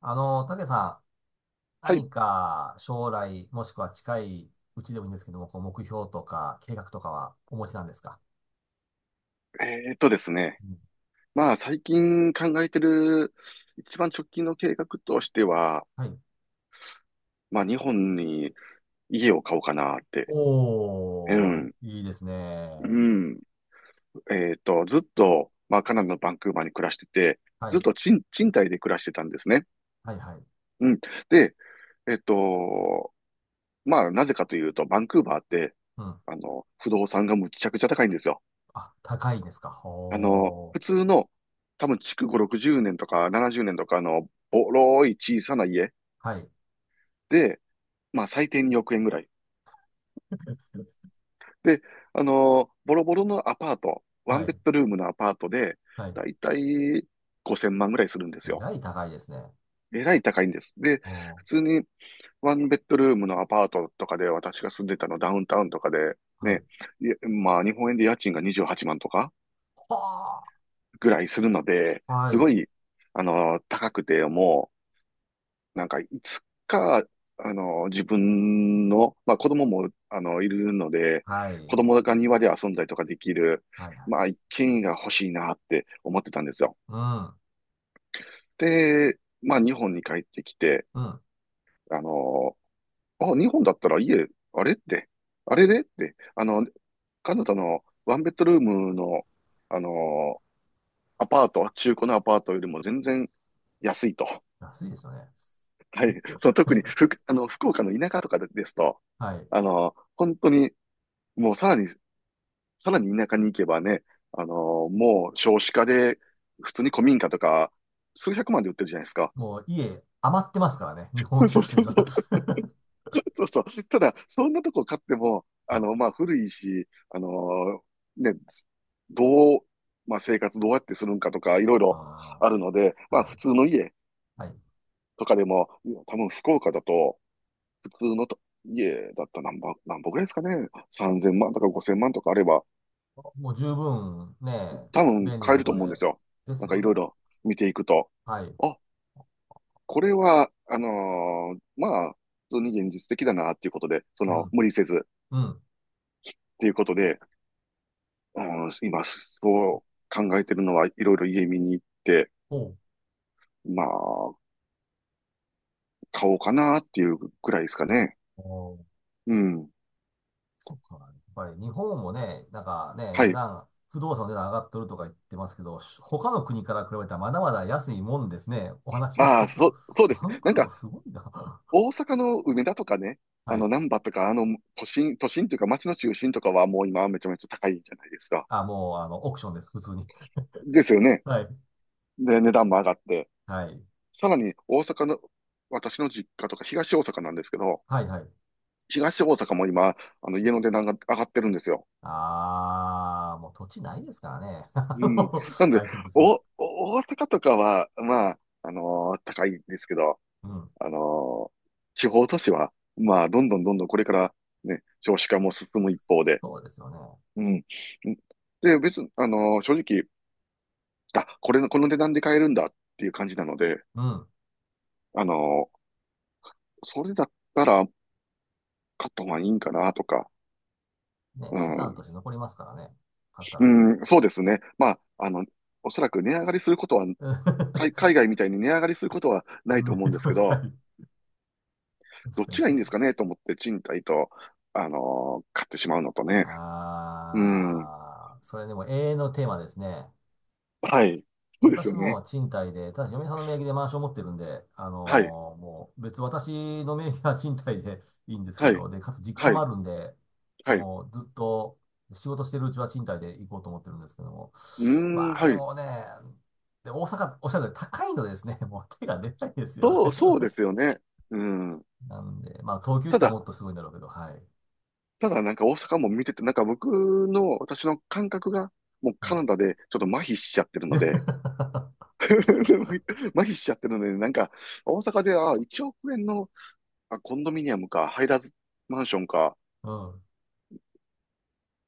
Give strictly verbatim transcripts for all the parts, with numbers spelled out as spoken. あの、たけさん、はい。何か将来、もしくは近いうちでもいいんですけども、こう目標とか計画とかはお持ちなんですか？えーっとですね。うん。まあ、最近考えてる一番直近の計画としては、はい。まあ、日本に家を買おうかなって。うおー、ん。いいですうね。ん。えーっと、ずっと、まあ、カナダのバンクーバーに暮らしてて、はずっい。と賃、賃貸で暮らしてたんですね。はい、はい。うん。で、えーっと、まあ、なぜかというと、バンクーバーって、うん。あの、不動産がむちゃくちゃ高いんですよ。あ、高いですか。あの、ほ普ー。通の、多分、築ご、ろくじゅうねんとかななじゅうねんとかの、ボロい小さな家。はい。で、まあ最低におく円ぐらい。で、あのーボロボロのアパート、ワはンベい。ッドルームのアパートで、はい。だいたいごせんまんぐらいするんですえよ。らい高いですね。えらい高いんです。で、お普ー。通にワンベッドルームのアパートとかで、私が住んでたのダウンタウンとかで、はね、い。いやまあ日本円で家賃がにじゅうはちまんとかはぐらいするので、ー。はすごい。い、あのー高くて、もなんかいつか、あの、自分の、まあ子供も、あの、いるので、はい。子供が庭で遊んだりとかできる、はい、はまあい。一軒家が欲しいなって思ってたんですよ。うん。で、まあ日本に帰ってきて、うん。あの、あ、日本だったら家、あれって、あれれって、あの、カナダのワンベッドルームの、あの、アパート、中古のアパートよりも全然安いと。安いですよね。はい。その特にふあの、福岡の田舎とかですと、はい。あの、本当に、もうさらに、さらに田舎に行けばね、あの、もう少子化で、普通にそうで古民す。家とか、数百万で売ってるじゃないですか。もう家余ってますからね。日本 社そう会そうは。 そ う。そうそう。ただ、そんなとこ買っても、うあん。の、まあ、古いし、あの、ね、どう、まあ、生活どうやってするんかとか、いろいろああるので、ー、まあ、はい。普通の家はい。とかでも、多分福岡だと、普通のと家だったら何ぼ、何ぼぐらいですかね。さんぜんまんとかごせんまんとかあれば、もう十分ね、多分便利な買えとるとこで、思うんですよ。でなすんかよいね。ろいろ見ていくと。はい。あ、これは、あのーまあ、普通に現実的だなっていうことで、そうの、ん。無理せずっうん。ていうことで、うん、今、そう考えてるのはいろいろ家見に行って、おう。まあ、買おうかなっていうくらいですかね。おう、うん。そっか。やっぱり日本もね、なんかね、は値い。段、不動産の値段上がっとるとか言ってますけど、し他の国から比べたらまだまだ安いもんですね。お話をあ伺あ、いすると。そ、そ うですバンね。なんクーバか、ーすごいな。大阪の梅田とかね、はあい。の、難波とか、あの、都心、都心というか街の中心とかはもう今はめちゃめちゃ高いじゃないですか。あ、もう、あの、オークションです、普通に。ですよ ね。はい。で、値段も上がって。はい。さらに大阪の、私の実家とか東大阪なんですけど、はい、はい。東大阪も今、あの、家の値段が上がってるんですよ。ああ、もう土地ないですからね。あうん。のなんで、空いてる土地が。お、お大阪とかは、まあ、あのー高いですけど、うん。あのー地方都市は、まあ、どんどんどんどんこれからね、少子化も進む一方で、そうですよね。うん。で、別に、あの、正直、あ、これの、この値段で買えるんだっていう感じなので、うん。あの、それだったら買った方がいいんかなとか、ね、う資産とん、して残りますからね。買ったうら。ん、そうですね。まあ、あの、おそらく値上がりすることは、海、海外みたいに値上がりすることはないとな思ういんでとす思いまけす。ど、はい。確どっかにちがいそいうんですでかす。ねと思って賃貸と、あの、買ってしまうのとね。うん、ああ、それでも永遠のテーマですね。はい。そうです私よね。も賃貸で、ただし嫁さんの名義でマンション持ってるんで、あはい、のーもう別、私の名義は賃貸で いいんですけはい、ど、で、かつ実家はもあい、るんで、はい。うもうずっと仕事してるうちは賃貸で行こうと思ってるんですけども。ーん、まあはでい。もね、で、大阪、おっしゃるように高いのでですね、もう手が出ないですよそう、ね。そうです よね。うん。なんで、まあ東京行ったたらだ、もっとすごいんだろうけど、はい。ただなんか大阪も見てて、なんか僕の、私の感覚が、もううカん。ナダでちょっと麻痺しちゃってるので、で 麻痺しちゃってるので、なんか大阪で、あ、いちおく円の、あ、コンドミニアムか、ハイラズマンションか、うん。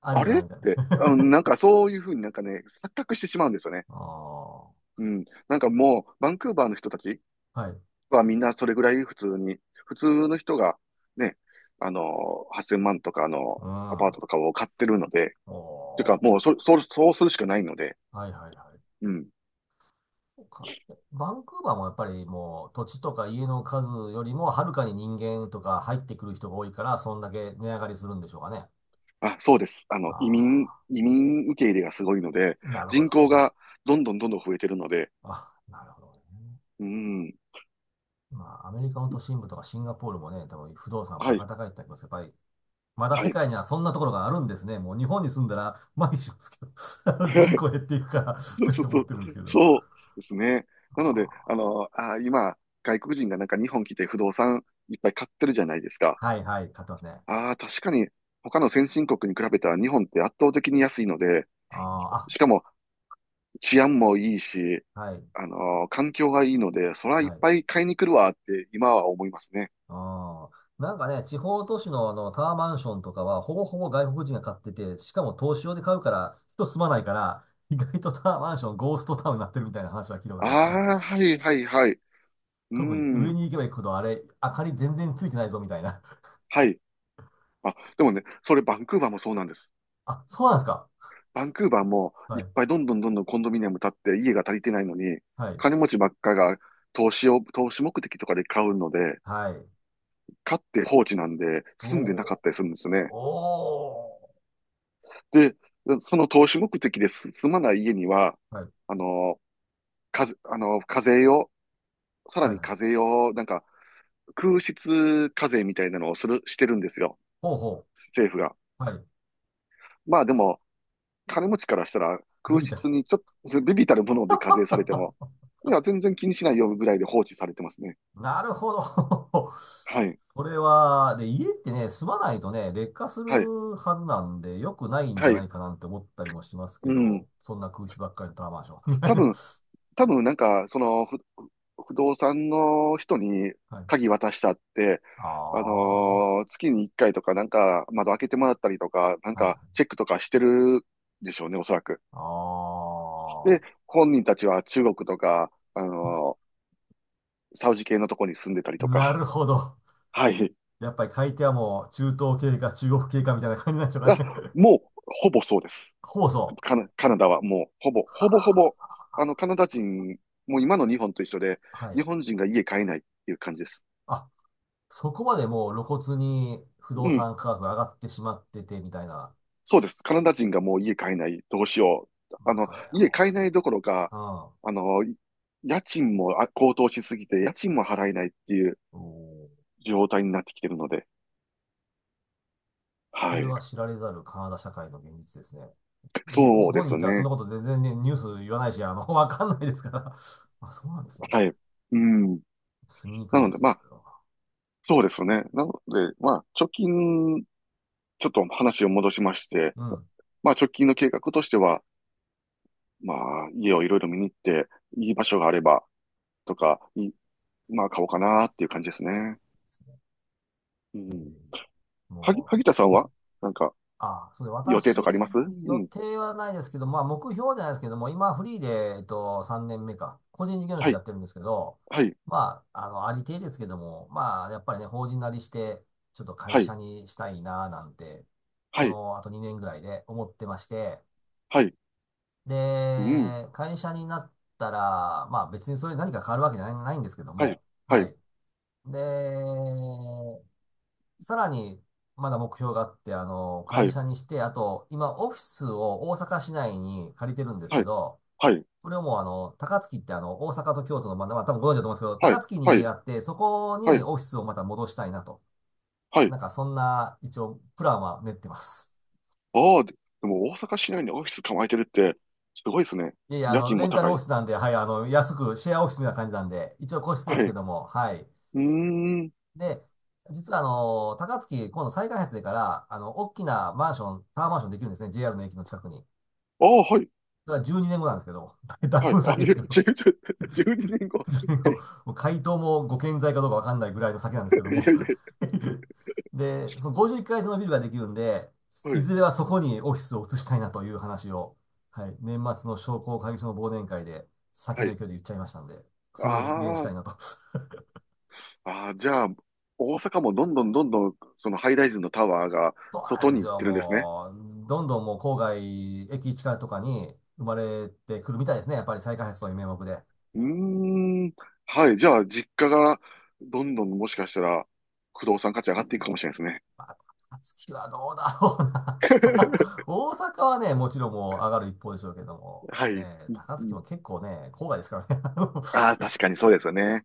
ありあだれな、っみたいな。て、あのなん かそういうふうになんかね、錯覚してしまうんですよね。ああ、うん。なんかもう、バンクーバーの人たちはい。はみんなそれぐらい普通に、普通の人が、ね、あの、はっせんまんとかのうアパーん。トとかを買ってるので、てかおー。もうそ、そう、そうするしかないので、はいはいはい。うん。そうか。バンクーバーもやっぱりもう土地とか家の数よりもはるかに人間とか入ってくる人が多いから、そんだけ値上がりするんでしょうかね。あ、そうです。あの、移民、あ移民受け入れがすごいので、あ、なるほ人どね。口がどんどんどんどん増えてるので、あ、なるほどね。うん。まあ、アメリカの都心部とかシンガポールもね、多分不動産はバい。カ高いってありますけど。やっぱり、まだは世い。界にはそんなところがあるんですね。もう日本に住んだら、毎日しますけど、あの人 口減っていくから そうそうとそ思っう。てるんですけど。そうですね。なあので、ああ、の、あー、今、外国人がなんか日本来て不動産いっぱい買ってるじゃないですか。はいはい、買ってますね。ああ、確かに、他の先進国に比べたら日本って圧倒的に安いので、あしかも治安もいいし、あ、あ、はい、あの、環境がいいので、そらいっはい。ぱい買いに来るわって今は思いますね。ああ、なんかね、地方都市のあのタワーマンションとかは、ほぼほぼ外国人が買ってて、しかも投資用で買うから、人住まないから、意外とタワーマンション、ゴーストタウンになってるみたいな話は聞いたことありますね。ああ、はいはいはい。うー特に上ん。に行けば行くほど、あれ、明かり全然ついてないぞみたいな。はい。あ、でもね、それバンクーバーもそうなんです。あ、そうなんですか。バンクーバーもいはっい、ぱいどんどんどんどんコンドミニアム建って家が足りてないのに、はい、金持ちばっかが投資を、投資目的とかで買うので、はい。買って放置なんで住んでなかっおたりするんですね。ー、おで、その投資目的です住まない家には、ー、はい、あの、かぜ、あの、課税を、さらはい、には課い。税を、なんか、空室課税みたいなのをする、してるんですよ。ほうほ政府が。う、はい。まあでも、金持ちからしたらビ空ビっ室た。にちょっと、ビビたるもので課税されても、いや、全然気にしないよぐらいで放置されてますね。なるほど。はい。それは、で、家ってね、住まないとね、劣化すはい。るはずなんで、良くないんじはゃない。いかなんて思ったりもしますけうど、ん。そんな空室ばっかりのタワーマンション、みたい多な。分、多分なんか、その、ふ不動産の人にはい。鍵渡したって、あああ、はのー月にいっかいとかなんか窓開けてもらったりとか、なんかい。チェックとかしてるでしょうね、おそらく。あで、本人たちは中国とか、あのーサウジ系のとこに住んでたりあ、となか。るほど。はい。やっぱり買い手はもう、中東系か中国系かみたいな感じなんでしょうあ、かね。もう、ほぼそうです。放送。カナ、カナダはもう、ほぼ、ほぼほぼ、はあの、カナダ人、もう今の日本と一緒で、あ、はい。日本人が家買えないっていう感じです。あ、そこまでもう露骨に不う動ん。産価格が上がってしまってて、みたいな。そうです。カナダ人がもう家買えない。どうしよう。まああ、の、それ、家ほん買まえなそいどころか、う。うん。あの、家賃もあ高騰しすぎて、家賃も払えないっていうおー。状態になってきてるので。こはれい。は知られざるカナダ社会の現実ですね。に、日そうで本にいすたらそんなね。こと全然ね、ニュース言わないし、あの、わかんないですから。あ、そうなんですね。はい。うん。住みにくないのでで、すまね、あ、それは。そうですね。なので、まあ、貯金、ちょっと話を戻しまして、うん。まあ、直近の計画としては、まあ、家をいろいろ見に行って、いい場所があれば、とか、いまあ、買おうかなっていう感じですね。ですね。うぜひん。ぜひ。はぎ、も萩田さんう、はなんか、あ、そうで、予定と私、かありますう予ん。定はないですけど、まあ、目標じゃないですけども、今、フリーで、えっと、さんねんめか、個人事業は主やい、ってるんですけど、はい、まあ、あの、ありていですけども、まあ、やっぱりね、法人なりして、ちょっと会はい、社にしたいな、なんて、はこい、の、あとにねんぐらいで思ってまして、はい、うん。で、会社になったら、まあ、別にそれ何か変わるわけじゃない、ないんですけどはい、も、ははい、い。で、さらに、まだ目標があって、あの、は会い、社にして、あと、今、オフィスを大阪市内に借りてるんですはけい、ど、はい、これをもう、あの、高槻ってあの、大阪と京都の、まあ、まあ、多分ご存知だと思うんですけど、は高い、槻はに家がい、あって、そこはにい、オフィスをまた戻したいなと。はない。んか、そんな、一応、プランは練ってます。ああ、ででも大阪市内にオフィス構えてるって、すごいですね。いやいや、あ家の、賃レもンタル高オい。フィスなんで、はい、あの、安く、シェアオフィスみたいな感じなんで、一応個室ではすい。けうども、はい。ーん。で、実はあの、高槻、今度再開発でから、あの、大きなマンション、タワーマンションできるんですね、ジェーアール の駅の近くに。ああ、はい、だからじゅうにねんごなんですけど、だいはい。ぶあ、先ですけ12 ど、12ん後。12年は後、もい。う回答もご健在かどうかわかんないぐらいの先なんですけどいも。やいや、で、そのごじゅういっかい建てのビルができるんで、はいい、ずれはそこにオフィスを移したいなという話を、はい、年末の商工会議所の忘年会で酒はのい。勢いで言っちゃいましたんで、それを実現しあたあ、いなと。ああ、じゃあ、大阪もどんどんどんどん、そのハイライズのタワーがそうなん外でにす行っよ、てるんですね。もう、どんどんもう郊外、駅近とかに生まれてくるみたいですね、やっぱり再開発の名目で。うーん。はい。じゃあ、実家がどんどんもしかしたら、不動産価値上がっていくかもしれないですね。まあ、高槻はどうだろうな。 大阪はね、もちろんもう上がる一方でしょうけども、はい。ね、うん高う槻ん、も結構ね、郊外ですからね。ああ、確かにそうですよね。